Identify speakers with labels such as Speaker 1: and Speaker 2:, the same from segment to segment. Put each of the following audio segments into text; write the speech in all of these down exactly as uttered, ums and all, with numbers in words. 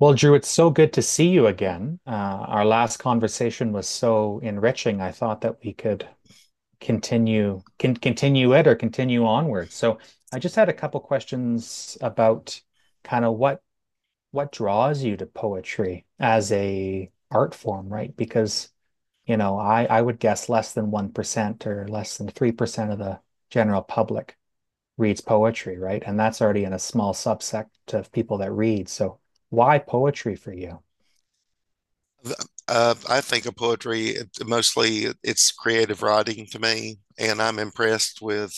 Speaker 1: Well, Drew, it's so good to see you again. Uh, our last conversation was so enriching. I thought that we could continue can continue it or continue onward. So I just had a couple questions about kind of what what draws you to poetry as a art form, right? Because, you know, I I would guess less than one percent or less than three percent of the general public reads poetry, right? And that's already in a small subset of people that read. So why poetry for you?
Speaker 2: uh, uh, I think of poetry it- mostly it's creative writing to me, and I'm impressed with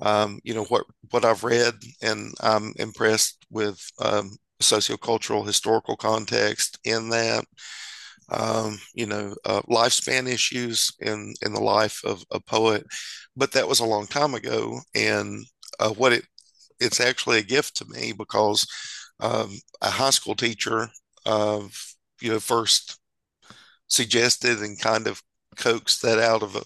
Speaker 2: um, you know what what I've read, and I'm impressed with um, sociocultural historical context in that um, you know uh, lifespan issues in in the life of a poet. But that was a long time ago, and uh, what it it's actually a gift to me because um, a high school teacher of you know first suggested and kind of coaxed that out of a,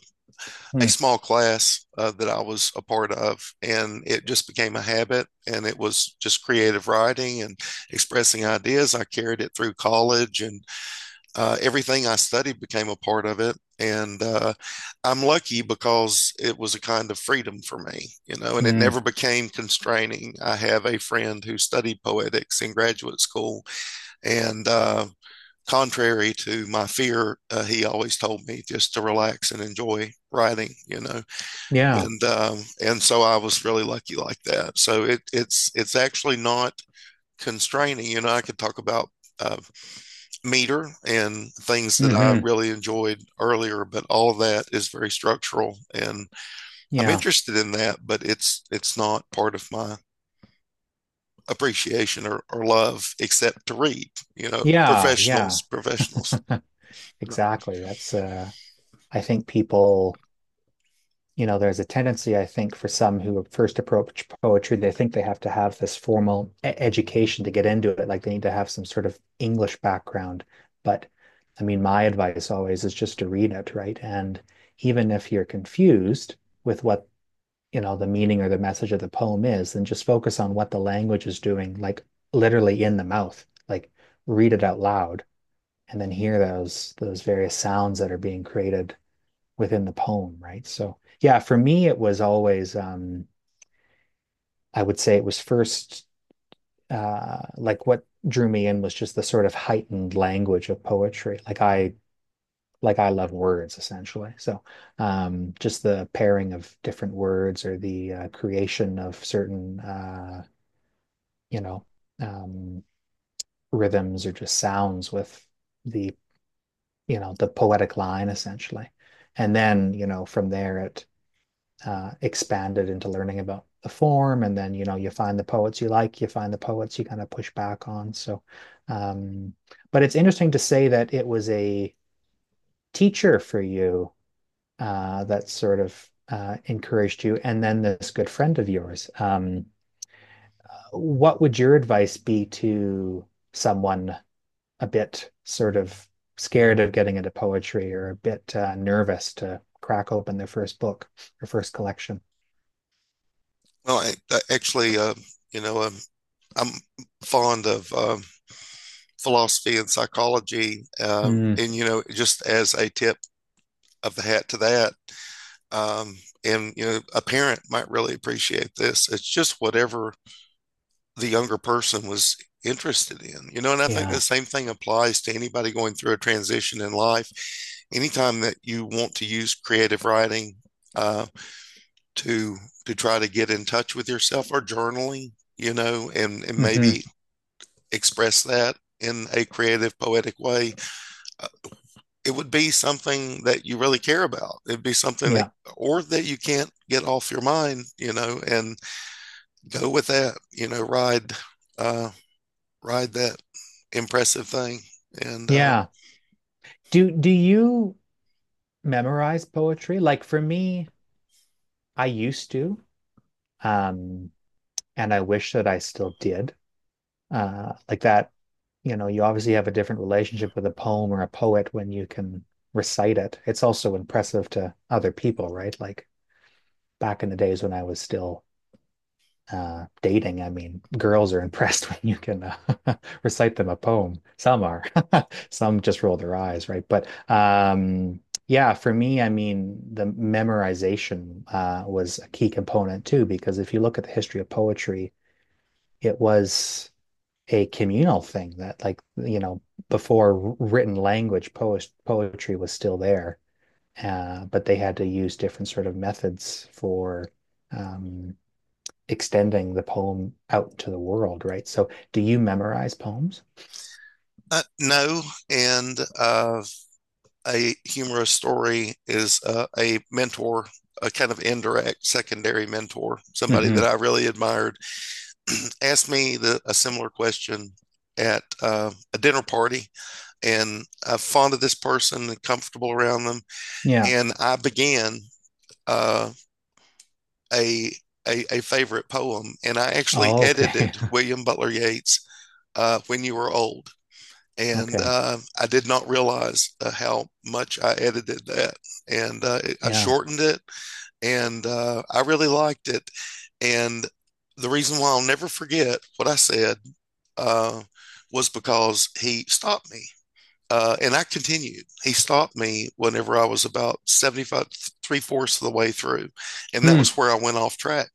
Speaker 2: a
Speaker 1: Hmm.
Speaker 2: small class uh, that I was a part of. And it just became a habit. And it was just creative writing and expressing ideas. I carried it through college, and uh, everything I studied became a part of it. And uh, I'm lucky because it was a kind of freedom for me, you know, and it
Speaker 1: Mm.
Speaker 2: never became constraining. I have a friend who studied poetics in graduate school, and uh, contrary to my fear, uh, he always told me just to relax and enjoy writing, you know.
Speaker 1: Yeah.
Speaker 2: And um, and so I was really lucky like that. So it, it's it's actually not constraining. You know, I could talk about uh, meter and things that I
Speaker 1: Hmm.
Speaker 2: really enjoyed earlier, but all of that is very structural, and I'm
Speaker 1: Yeah.
Speaker 2: interested in that. But it's it's not part of my appreciation or, or love except to read you know
Speaker 1: Yeah. Yeah.
Speaker 2: professionals professionals No.
Speaker 1: Exactly. That's uh I think people, you know, there's a tendency, I think, for some who first approach poetry, they think they have to have this formal e- education to get into it. Like they need to have some sort of English background. But I mean, my advice always is just to read it, right? And even if you're confused with what, you know, the meaning or the message of the poem is, then just focus on what the language is doing, like literally in the mouth, like read it out loud and then hear those those various sounds that are being created within the poem, right? So yeah, for me it was always, um I would say it was first, uh like what drew me in was just the sort of heightened language of poetry, like i like i love words, essentially. So um just the pairing of different words or the uh, creation of certain uh you know um, rhythms or just sounds with the you know the poetic line, essentially. And then, you know, from there it uh, expanded into learning about the form. And then, you know, you find the poets you like, you find the poets you kind of push back on. So um, but it's interesting to say that it was a teacher for you, uh, that sort of uh, encouraged you, and then this good friend of yours. Um, what would your advice be to someone a bit sort of scared of getting into poetry or a bit uh, nervous to crack open their first book or first collection.
Speaker 2: Well, I, I actually, uh, you know, um, I'm fond of um, philosophy and psychology, um,
Speaker 1: Mm,
Speaker 2: and you know, just as a tip of the hat to that, um, and you know, a parent might really appreciate this. It's just whatever the younger person was interested in, you know, and I think the
Speaker 1: yeah.
Speaker 2: same thing applies to anybody going through a transition in life. Anytime that you want to use creative writing uh, to to try to get in touch with yourself or journaling, you know, and and
Speaker 1: Hmm.
Speaker 2: maybe express that in a creative, poetic way, uh, it would be something that you really care about. It'd be something that,
Speaker 1: Yeah.
Speaker 2: or that you can't get off your mind, you know, and go with that, you know, ride, uh, ride that impressive thing. And uh,
Speaker 1: Yeah. Do do you memorize poetry? Like for me, I used to, um, and I wish that I still did. Uh, like that, you know, you obviously have a different relationship with a poem or a poet when you can recite it. It's also impressive to other people, right? Like back in the days when I was still uh, dating. I mean, girls are impressed when you can uh, recite them a poem. Some are, some just roll their eyes, right? But um, yeah, for me, I mean, the memorization uh, was a key component too, because if you look at the history of poetry, it was a communal thing that, like, you know, before written language, poet poetry was still there, uh, but they had to use different sort of methods for um, extending the poem out to the world, right? So do you memorize poems?
Speaker 2: uh, no, and uh, a humorous story is uh, a mentor, a kind of indirect secondary mentor, somebody
Speaker 1: Mm-hmm.
Speaker 2: that I really admired asked me the, a similar question at uh, a dinner party, and I'm fond of this person and comfortable around them.
Speaker 1: Yeah.
Speaker 2: And I began uh, a, a a favorite poem, and I actually
Speaker 1: Oh, okay.
Speaker 2: edited William Butler Yeats' uh, "When You Were Old." And
Speaker 1: Okay.
Speaker 2: uh, I did not realize uh, how much I edited that, and uh, I
Speaker 1: Yeah.
Speaker 2: shortened it, and uh, I really liked it. And the reason why I'll never forget what I said uh, was because he stopped me. Uh, and I continued. He stopped me whenever I was about seventy-five, three fourths of the way through. And that was
Speaker 1: Hmm.
Speaker 2: where I went off track.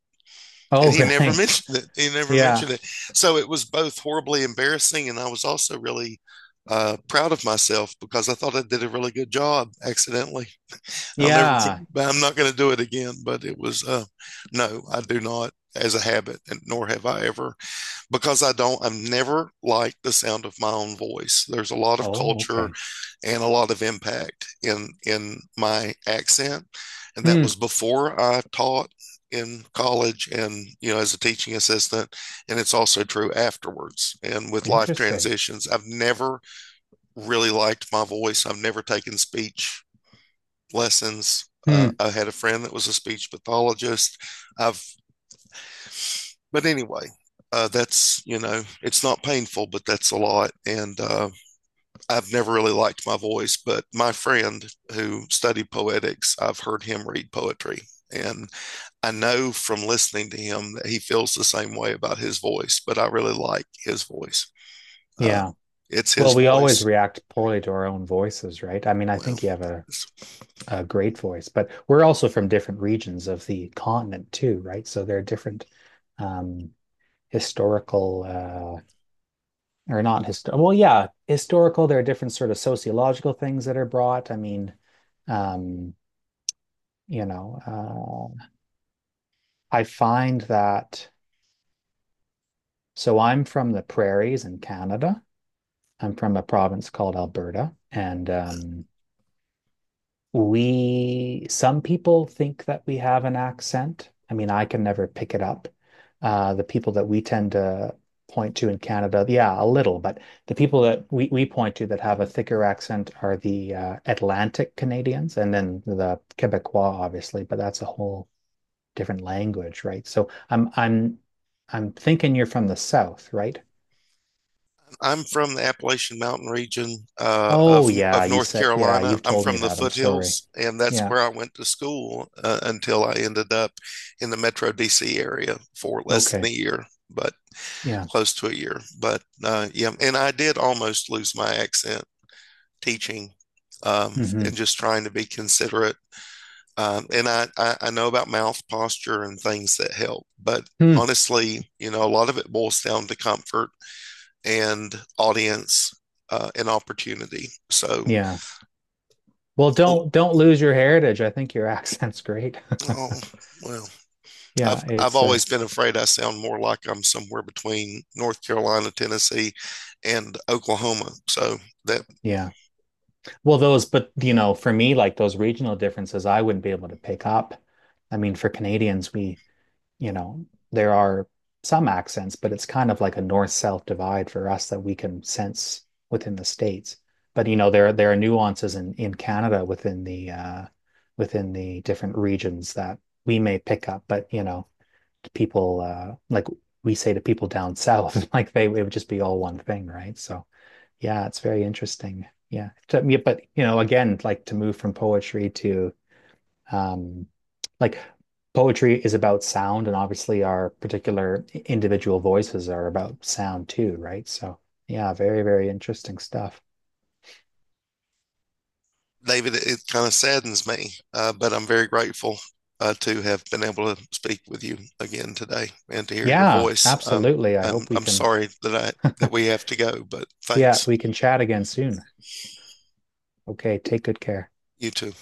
Speaker 2: And
Speaker 1: Oh,
Speaker 2: he never
Speaker 1: really?
Speaker 2: mentioned it. He never
Speaker 1: Yeah.
Speaker 2: mentioned it. So it was both horribly embarrassing. And I was also really uh, proud of myself because I thought I did a really good job accidentally. I'll never,
Speaker 1: Yeah.
Speaker 2: I'm not going to do it again, but it was, uh, no, I do not as a habit, and nor have I ever because I don't, I've never liked the sound of my own voice. There's a lot of
Speaker 1: Oh,
Speaker 2: culture
Speaker 1: okay.
Speaker 2: and a lot of impact in in my accent, and that
Speaker 1: Hmm.
Speaker 2: was before I taught in college and you know as a teaching assistant and it's also true afterwards and with life
Speaker 1: Interesting.
Speaker 2: transitions, I've never really liked my voice. I've never taken speech lessons. uh,
Speaker 1: Hmm.
Speaker 2: I had a friend that was a speech pathologist. I've But anyway, uh, that's, you know, it's not painful, but that's a lot. And uh, I've never really liked my voice, but my friend who studied poetics, I've heard him read poetry. And I know from listening to him that he feels the same way about his voice, but I really like his voice. Uh,
Speaker 1: Yeah.
Speaker 2: it's his
Speaker 1: Well, we always
Speaker 2: voice.
Speaker 1: react poorly to our own voices, right? I mean, I
Speaker 2: Well,
Speaker 1: think you have a,
Speaker 2: it's
Speaker 1: a great voice, but we're also from different regions of the continent too, right? So there are different um, historical uh, or not historical. Well, yeah, historical. There are different sort of sociological things that are brought. I mean, um, you know, uh, I find that. So I'm from the prairies in Canada. I'm from a province called Alberta, and um, we, some people think that we have an accent. I mean, I can never pick it up. Uh, the people that we tend to point to in Canada, yeah, a little, but the people that we, we point to that have a thicker accent are the uh, Atlantic Canadians and then the Quebecois, obviously, but that's a whole different language, right? So I'm I'm I'm thinking you're from the South, right?
Speaker 2: I'm from the Appalachian Mountain region uh,
Speaker 1: Oh
Speaker 2: of
Speaker 1: yeah,
Speaker 2: of
Speaker 1: you
Speaker 2: North
Speaker 1: said, yeah,
Speaker 2: Carolina.
Speaker 1: you've
Speaker 2: I'm
Speaker 1: told me
Speaker 2: from the
Speaker 1: that. I'm sorry.
Speaker 2: foothills, and that's
Speaker 1: Yeah.
Speaker 2: where I went to school uh, until I ended up in the Metro D C area for less
Speaker 1: Okay.
Speaker 2: than a year, but
Speaker 1: Yeah.
Speaker 2: close to a year. But uh, yeah, and I did almost lose my accent teaching, um,
Speaker 1: Hmm.
Speaker 2: and just trying to be considerate. Um, and I, I I know about mouth posture and things that help, but
Speaker 1: Hmm.
Speaker 2: honestly, you know, a lot of it boils down to comfort and audience, uh, an opportunity. So,
Speaker 1: Yeah. Well,
Speaker 2: oh,
Speaker 1: don't don't lose your heritage. I think your accent's great.
Speaker 2: oh, well,
Speaker 1: Yeah,
Speaker 2: I've I've
Speaker 1: it's uh
Speaker 2: always been afraid I sound more like I'm somewhere between North Carolina, Tennessee, and Oklahoma. So that
Speaker 1: yeah. Well, those, but you know, for me like those regional differences I wouldn't be able to pick up. I mean, for Canadians, we, you know, there are some accents, but it's kind of like a north-south divide for us that we can sense within the states. But you know, there there are nuances in in Canada within the uh within the different regions that we may pick up, but you know, to people uh like we say to people down south, like they, it would just be all one thing, right? So yeah, it's very interesting. Yeah. Yeah, but you know, again, like to move from poetry to um like poetry is about sound, and obviously our particular individual voices are about sound too, right? So yeah, very very interesting stuff.
Speaker 2: David, it, it kind of saddens me, uh, but I'm very grateful. Uh, to have been able to speak with you again today and to hear your
Speaker 1: Yeah,
Speaker 2: voice. Um,
Speaker 1: absolutely. I
Speaker 2: I'm
Speaker 1: hope we
Speaker 2: I'm
Speaker 1: can,
Speaker 2: sorry that I that we have to go, but
Speaker 1: yeah,
Speaker 2: thanks.
Speaker 1: we can chat again soon. Okay, take good care.
Speaker 2: You too.